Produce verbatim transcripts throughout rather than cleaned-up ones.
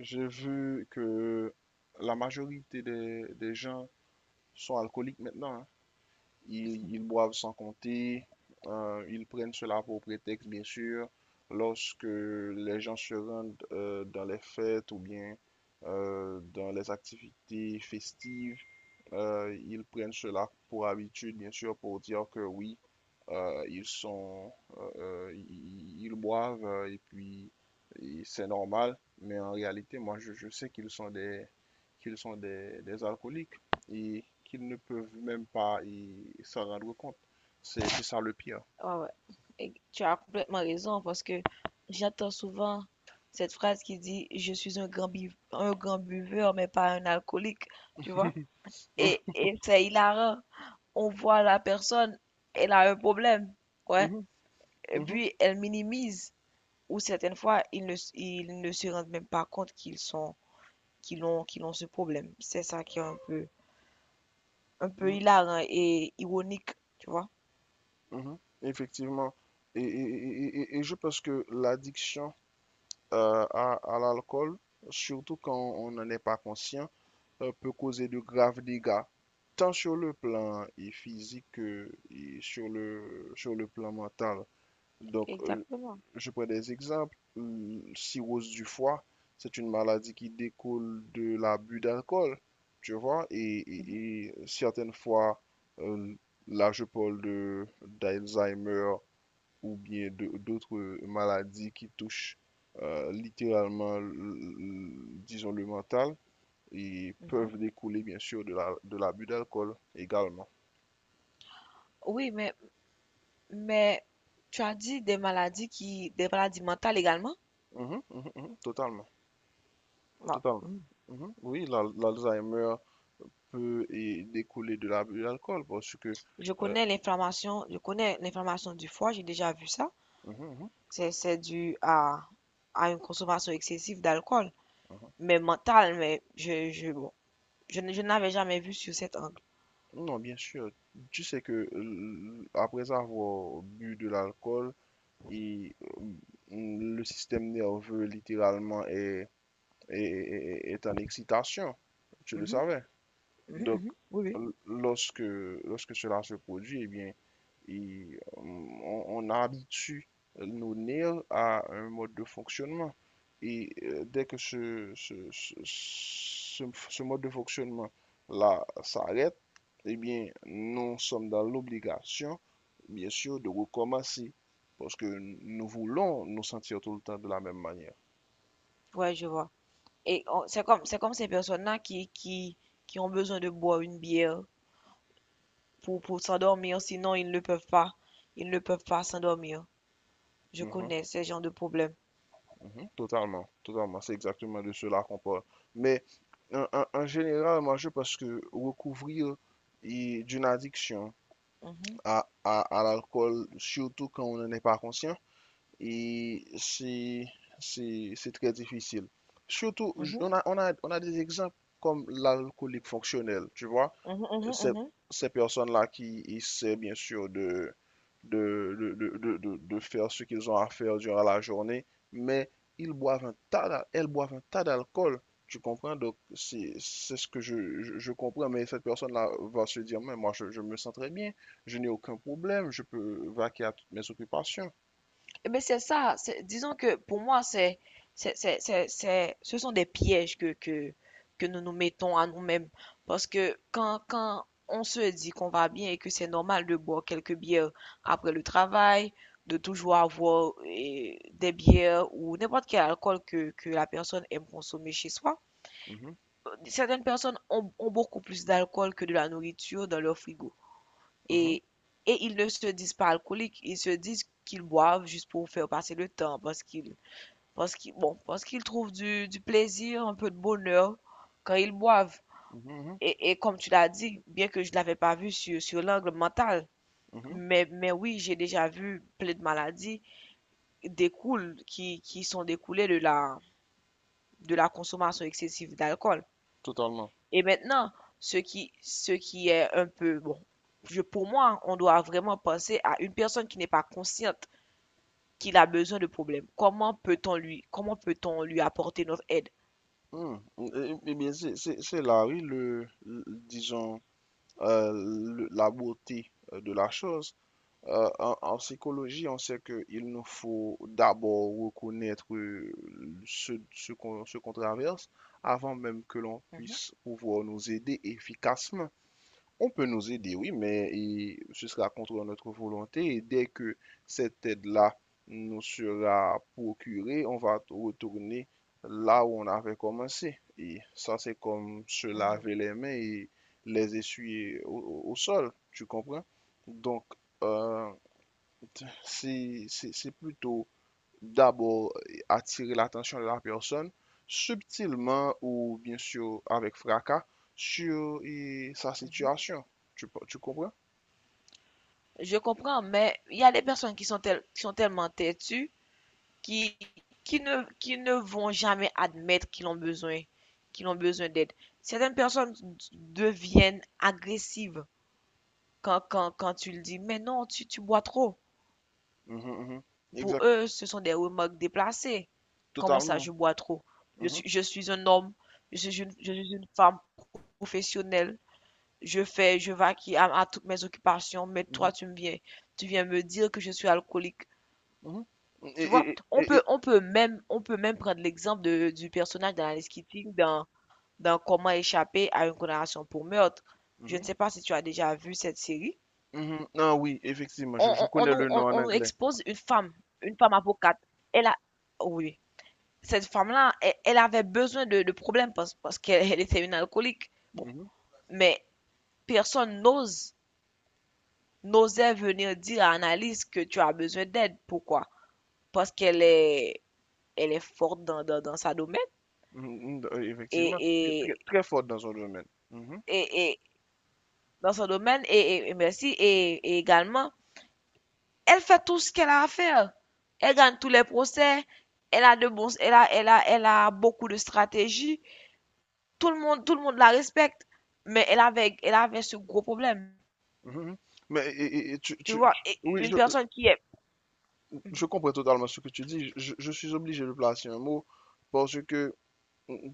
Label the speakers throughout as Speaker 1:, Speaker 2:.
Speaker 1: J'ai vu que la majorité des, des gens sont alcooliques maintenant, hein.
Speaker 2: Ouais,
Speaker 1: Ils, ils boivent sans compter. Euh, ils prennent cela pour prétexte, bien sûr, lorsque les gens se rendent euh, dans les fêtes ou bien euh, dans les activités festives. Euh, ils prennent cela pour habitude, bien sûr, pour dire que oui, euh, ils sont, euh, euh, ils, ils boivent euh, et puis et c'est normal. Mais en réalité, moi, je, je sais qu'ils sont des, qu'ils sont des, des alcooliques et qu'ils ne peuvent même pas y s'en rendre compte. C'est c'est ça le pire.
Speaker 2: ouais. Et tu as complètement raison parce que j'entends souvent cette phrase qui dit je suis un grand bu- un grand buveur mais pas un alcoolique, tu vois? Et,
Speaker 1: Mhm,
Speaker 2: et c'est hilarant. On voit la personne, elle a un problème, ouais.
Speaker 1: mhm,
Speaker 2: Et
Speaker 1: mhm,
Speaker 2: puis elle minimise ou certaines fois ils ne s- ils ne se rendent même pas compte qu'ils sont qu'ils ont qu'ils ont ce problème. C'est ça qui est un peu un peu
Speaker 1: mhm,
Speaker 2: hilarant et ironique, tu vois?
Speaker 1: mhm. Effectivement. Et, et- et- et- et je pense que l'addiction euh, à, à l'alcool, surtout quand on n'en est pas conscient, euh, peut causer de graves dégâts, tant sur le plan et physique que et sur le, sur le plan mental. Donc, euh,
Speaker 2: Exactement.
Speaker 1: je prends des exemples. Hum, cirrhose du foie, c'est une maladie qui découle de l'abus d'alcool, tu vois, et, et-
Speaker 2: Mhm,
Speaker 1: et certaines fois, euh, là je parle de d'Alzheimer ou bien de- d'autres euh, maladies qui touchent euh, littéralement, l- l- disons, le mental et
Speaker 2: mhm.
Speaker 1: peuvent découler, bien sûr, de la, de l'abus d'alcool également.
Speaker 2: Oui, mais Mais tu as dit des maladies qui, des maladies mentales également?
Speaker 1: Mhm, mhm, mhm, totalement,
Speaker 2: Bah,
Speaker 1: Totalement.
Speaker 2: hmm.
Speaker 1: Mhm. Oui, l'al- l'Alzheimer peut et découler de l'abus d'alcool parce que…
Speaker 2: Je
Speaker 1: euh,
Speaker 2: connais l'inflammation, je connais l'inflammation du foie, j'ai déjà vu ça.
Speaker 1: mhm, mhm,
Speaker 2: C'est, c'est dû à, à une consommation excessive d'alcool,
Speaker 1: mhm.
Speaker 2: mais mentale, mais je, je, bon, je, ne- je n'avais jamais vu sur cet angle.
Speaker 1: Non, bien sûr. Tu sais que euh, après avoir bu de l'alcool, et euh, le système nerveux littéralement est, est, est- est en excitation, tu le
Speaker 2: Mhm,
Speaker 1: savais.
Speaker 2: mhm,
Speaker 1: Donc,
Speaker 2: mhm. Oui, oui.
Speaker 1: lorsque, lorsque cela se produit, eh bien, il- on, on habitue nos nerfs à un mode de fonctionnement. Et euh, dès que ce, ce, ce, ce- ce mode de fonctionnement-là s'arrête, eh bien, nous sommes dans l'obligation, bien sûr, de recommencer. Parce que nous voulons nous sentir tout le temps de la même manière.
Speaker 2: Ouais, je vois. Et on- c'est comme, c'est comme ces personnes-là qui, qui, qui ont besoin de boire une bière pour, pour s'endormir, sinon ils ne peuvent pas, ils ne peuvent pas s'endormir. Je
Speaker 1: Mhm.
Speaker 2: connais ce genre de problème.
Speaker 1: Mhm. Totalement, totalement. C'est exactement de cela qu'on parle. Mais en, en- en général, moi, je pense que recouvrir et d'une addiction
Speaker 2: Mhm,
Speaker 1: à, à, à l'alcool, surtout quand on n'en est pas conscient, et c'est, c'est, c'est très difficile. Surtout, j-
Speaker 2: mhm,
Speaker 1: on a, on a, on a des exemples comme l'alcoolique fonctionnel, tu vois,
Speaker 2: mhm, mhm,
Speaker 1: ces
Speaker 2: mhm.
Speaker 1: ces personnes-là qui essaient bien sûr de, de, de, de- de- de- faire ce qu'ils ont à faire durant la journée, mais ils boivent un tas, d'a- elles boivent un tas d'alcool. Tu comprends? Donc, c'est c'est ce que je, je- je comprends, mais cette personne-là va se dire, mais moi, je, je me sens très bien, je n'ai aucun problème, je peux vaquer à toutes mes occupations.
Speaker 2: Eh ben, c'est ça. c'est- Disons que pour moi, c'est, c'est, c'est, c'est, c'est- ce sont des pièges que, que, que nous nous mettons à nous-mêmes. Parce que quand, quand on se dit qu'on va bien et que c'est normal de boire quelques bières après le travail, de toujours avoir eh, des bières ou n'importe quel alcool que, que la personne aime consommer chez soi,
Speaker 1: Mhm,
Speaker 2: certaines personnes ont, ont beaucoup plus d'alcool que de la nourriture dans leur frigo.
Speaker 1: mhm,
Speaker 2: Et, et ils ne se disent pas alcooliques, ils se disent qu'ils boivent juste pour faire passer le temps, parce qu'ils, parce qu'ils, bon, parce qu'ils trouvent du, du plaisir, un peu de bonheur quand ils boivent.
Speaker 1: mhm,
Speaker 2: Et, et comme tu l'as dit, bien que je ne l'avais pas vu sur, sur l'angle mental,
Speaker 1: mhm, mhm,
Speaker 2: mais, mais oui, j'ai déjà vu plein de maladies découlent, qui, qui sont découlées de la, de la consommation excessive d'alcool.
Speaker 1: Totalement.
Speaker 2: Et maintenant, ce qui, ce qui est un peu, bon, je- pour moi, on doit vraiment penser à une personne qui n'est pas consciente qu'il a besoin de problèmes. Comment peut-on lui, comment peut-on lui apporter notre aide?
Speaker 1: Hmm. Eh eh bien, c'est c'est- c'est là, oui, le, le- disons, euh, le- la beauté euh, de la chose. Euh, en, en psychologie, on sait qu'il nous faut d'abord reconnaître, euh, ce, ce qu'on ce qu'on traverse avant même que l'on
Speaker 2: Mhm,
Speaker 1: puisse pouvoir nous aider efficacement. On peut nous aider, oui, mais et ce sera contre notre volonté et dès que cette aide-là nous sera procurée, on va t- retourner là où on avait commencé. Et ça, c'est comme se
Speaker 2: mhm,
Speaker 1: laver les mains et les essuyer au, au- au sol, tu comprends? Donc, euh, t- c'est c'est- c'est plutôt d'abord euh, attirer l'attention de la personne subtilement ou bien sûr avec fracas sur eh, sa
Speaker 2: mhm.
Speaker 1: situation. Tu, tu comprends?
Speaker 2: Je comprends, mais il y a des personnes qui sont, tel- qui sont tellement têtues qui, qui ne, qui ne vont jamais admettre qu'ils ont besoin, qu'ils ont besoin d'aide. Certaines personnes deviennent agressives quand, quand, quand tu le dis, mais non, tu, tu bois trop.
Speaker 1: Mhm, mhm.
Speaker 2: Pour
Speaker 1: Exact,
Speaker 2: eux, ce sont des remarques déplacées. Comment ça,
Speaker 1: totalement.
Speaker 2: je bois trop? Je
Speaker 1: Mhm,
Speaker 2: suis, je suis un homme, je suis une, je suis une femme professionnelle. Je fais, je vaquille à, à toutes mes occupations, mais toi,
Speaker 1: mhm,
Speaker 2: tu me viens, tu viens me dire que je suis alcoolique.
Speaker 1: mhm.
Speaker 2: Tu
Speaker 1: Et,
Speaker 2: vois,
Speaker 1: et-
Speaker 2: on
Speaker 1: et-
Speaker 2: peut,
Speaker 1: et-
Speaker 2: on peut même, on peut même prendre l'exemple de- du personnage d'Alice Keating dans, dans Comment échapper à une condamnation pour meurtre. Je ne
Speaker 1: mhm,
Speaker 2: sais pas si tu as déjà vu cette série.
Speaker 1: mhm. Ah oui, effectivement,
Speaker 2: On,
Speaker 1: je, je
Speaker 2: on- on
Speaker 1: connais
Speaker 2: nous,
Speaker 1: le nom
Speaker 2: on-
Speaker 1: en
Speaker 2: on nous
Speaker 1: anglais.
Speaker 2: expose une femme, une femme avocate. Elle a, oui, cette femme-là, elle, elle avait besoin de, de problèmes parce, parce qu'elle elle était une alcoolique. Bon,
Speaker 1: Mhm,
Speaker 2: mais personne n'ose n'osait venir dire à Annalise que tu as besoin d'aide. Pourquoi? Parce qu'elle est, elle est forte dans, dans, dans sa domaine
Speaker 1: mhm, mhm, euh, effectivement, très, très,
Speaker 2: et, et,
Speaker 1: très fort dans son domaine. Mhm,
Speaker 2: et, et dans son domaine et, et- et merci et, et également, elle fait tout ce qu'elle a à faire. Elle gagne tous les procès. Elle a de bons, elle a, elle a, elle a beaucoup de stratégies. Tout le monde, tout le monde la respecte, mais elle avait, elle avait ce gros problème.
Speaker 1: mhm. Mhm. Mais et- et- et tu,
Speaker 2: Tu
Speaker 1: tu-
Speaker 2: vois,
Speaker 1: tu-
Speaker 2: et
Speaker 1: oui,
Speaker 2: une
Speaker 1: je,
Speaker 2: personne qui est
Speaker 1: je
Speaker 2: mhm,
Speaker 1: comprends totalement ce que tu dis. Je, je suis obligé de placer un mot parce que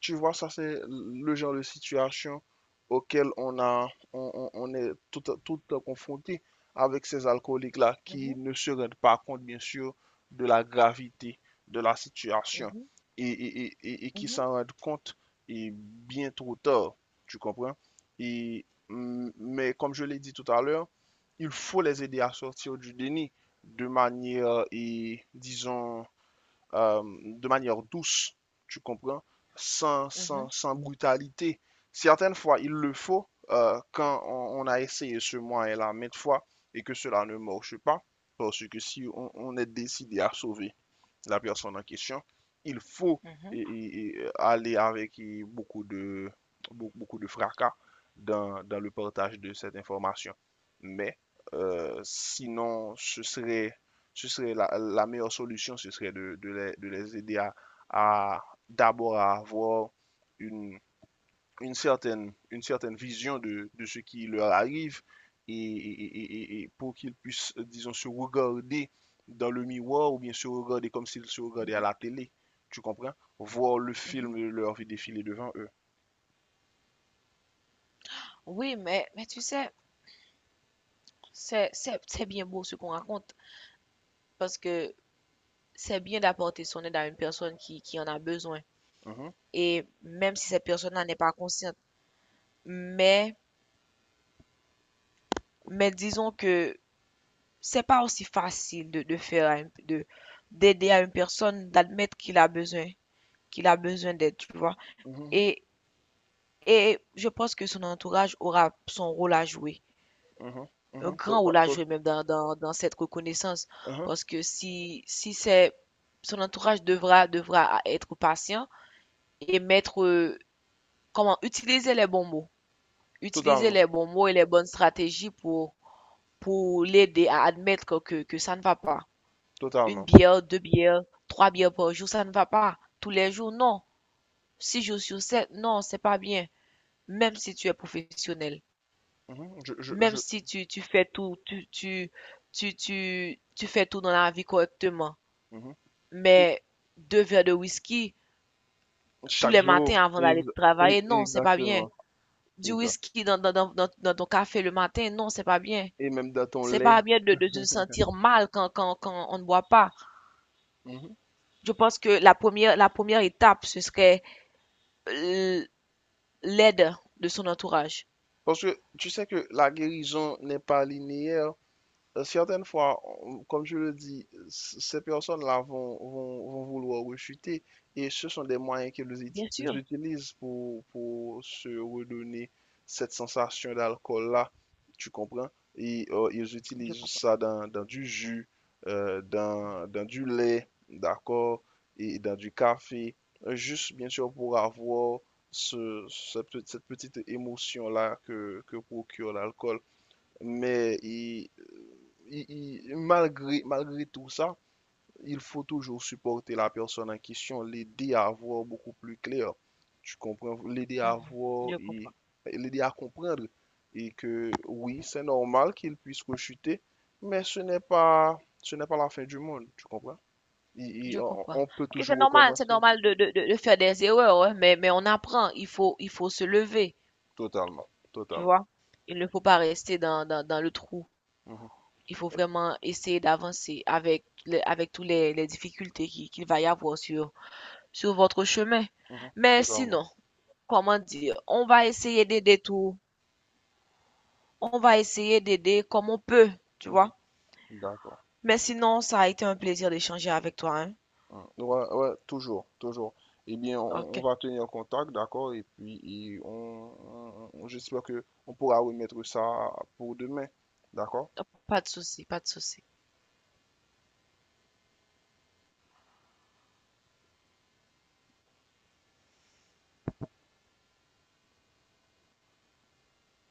Speaker 1: tu vois, ça c'est le genre de situation auquel on a, on, on- on est tout, tout confronté avec ces alcooliques-là qui
Speaker 2: mhm,
Speaker 1: ne se rendent pas compte, bien sûr, de la gravité de la situation
Speaker 2: mhm,
Speaker 1: et, et- et- et- et qui
Speaker 2: mhm,
Speaker 1: s'en rendent compte et bien trop tard, tu comprends? Et, mm, mais comme je l'ai dit tout à l'heure, il faut les aider à sortir du déni de manière, et, disons, euh, de manière douce, tu comprends, sans, sans,
Speaker 2: mhm,
Speaker 1: sans brutalité. Certaines fois, il le faut euh, quand on, on a essayé ce moyen-là maintes fois et que cela ne marche pas, parce que si on, on est décidé à sauver la personne en question, il faut
Speaker 2: mhm,
Speaker 1: et- et- aller avec beaucoup de, beaucoup, beaucoup de fracas dans, dans le partage de cette information. Mais euh, sinon, ce serait, ce serait la, la meilleure solution, ce serait de, de les, de les aider à, à- d'abord à avoir une, une certaine, une certaine vision de, de ce qui leur arrive et, et- et- et- pour qu'ils puissent, euh, disons, se regarder dans le miroir ou bien se regarder comme s'ils se regardaient à
Speaker 2: mhm,
Speaker 1: la télé, tu comprends? Voir le
Speaker 2: mhm.
Speaker 1: film de leur vie défiler devant eux.
Speaker 2: Oui, mais, mais tu sais, c'est, c'est, c'est bien beau ce qu'on raconte parce que c'est bien d'apporter son aide à une personne qui, qui en a besoin.
Speaker 1: Mhm,
Speaker 2: Et même si cette personne-là n'est pas consciente, mais, mais disons que c'est pas aussi facile de, de faire à une- de, d'aider à une personne, d'admettre qu'il a besoin, qu'il a besoin d'aide, tu vois.
Speaker 1: mhm, mhm,
Speaker 2: Et, et je pense que son entourage aura son rôle à jouer.
Speaker 1: mhm.
Speaker 2: Un
Speaker 1: Mhm. To-
Speaker 2: grand rôle
Speaker 1: to-
Speaker 2: à
Speaker 1: to-
Speaker 2: jouer même dans, dans, dans cette reconnaissance.
Speaker 1: mhm.
Speaker 2: Parce que si, si c'est son entourage devra, devra être patient et mettre, euh, comment, utiliser les bons mots. Utiliser
Speaker 1: Totalement,
Speaker 2: les bons mots et les bonnes stratégies pour, pour l'aider à admettre que, que ça ne va pas. Une
Speaker 1: totalement.
Speaker 2: bière, deux bières, trois bières par jour, ça ne va pas. Tous les jours, non. Six jours sur sept, non, c'est pas bien. Même si tu es professionnel.
Speaker 1: Mhm. Je, je,
Speaker 2: Même
Speaker 1: je,
Speaker 2: si tu, tu fais tout, tu, tu, tu, tu, tu fais tout dans la vie correctement.
Speaker 1: mhm. Et
Speaker 2: Mais deux verres de whisky tous
Speaker 1: chaque
Speaker 2: les
Speaker 1: jour,
Speaker 2: matins avant
Speaker 1: ex-
Speaker 2: d'aller
Speaker 1: e-
Speaker 2: travailler, non, c'est pas bien.
Speaker 1: exactement,
Speaker 2: Du
Speaker 1: exact.
Speaker 2: whisky dans, dans, dans, dans- dans ton café le matin, non, c'est pas bien.
Speaker 1: Et même dans ton
Speaker 2: C'est
Speaker 1: lait.
Speaker 2: pas bien de, de se sentir mal quand, quand, quand on ne boit pas.
Speaker 1: Mhm.
Speaker 2: Je pense que la première, la première étape, ce serait euh, l'aide de son entourage.
Speaker 1: Parce que tu sais que la guérison n'est pas linéaire. Euh, certaines fois, on- comme je le dis, c- ces personnes-là vont, vont, vont vouloir rechuter et ce sont des moyens qu'ils uti-
Speaker 2: Bien sûr,
Speaker 1: utilisent pour, pour se redonner cette sensation d'alcool-là, tu comprends? Et euh, ils
Speaker 2: je
Speaker 1: utilisent
Speaker 2: comprends.
Speaker 1: ça dans, dans du jus, euh, dans, dans du lait, d'accord, et dans du café, euh, juste bien sûr pour avoir ce, cette petite- cette petite émotion-là que, que procure l'alcool, mais il, il- il- malgré, malgré tout ça, il faut toujours supporter la personne en question, l'aider à voir beaucoup plus clair. Tu comprends? L'aider à
Speaker 2: Mhm,
Speaker 1: voir
Speaker 2: je
Speaker 1: et
Speaker 2: comprends.
Speaker 1: l'aider à comprendre. Et que oui, c'est normal qu'il puisse rechuter, mais ce n'est pas, ce n'est pas la fin du monde, tu comprends? Et- et
Speaker 2: Je
Speaker 1: on
Speaker 2: comprends.
Speaker 1: on peut
Speaker 2: Ok, c'est
Speaker 1: toujours
Speaker 2: normal, c'est
Speaker 1: recommencer.
Speaker 2: normal de, de, de, de faire des erreurs, hein, mais, mais on apprend. Il faut, il faut se lever,
Speaker 1: Totalement,
Speaker 2: tu
Speaker 1: totalement.
Speaker 2: vois. Il ne faut pas rester dans, dans, dans le trou.
Speaker 1: Mhm,
Speaker 2: Il faut vraiment essayer d'avancer avec, le avec toutes les, les difficultés qui- qu'il va y avoir sur, sur votre chemin.
Speaker 1: mhm,
Speaker 2: Mais
Speaker 1: totalement.
Speaker 2: sinon, comment dire, on va essayer d'aider tout. On va essayer d'aider comme on peut, tu vois.
Speaker 1: Mhm, d'accord.
Speaker 2: Mais sinon, ça a été un plaisir d'échanger avec toi, hein.
Speaker 1: Hmm. Ouais, ouais, toujours, toujours. Eh bien, on,
Speaker 2: Ok,
Speaker 1: on va tenir contact, d'accord? Et puis, et on, on- on- j'espère que on pourra remettre ça pour demain, d'accord?
Speaker 2: pas de souci, pas de souci.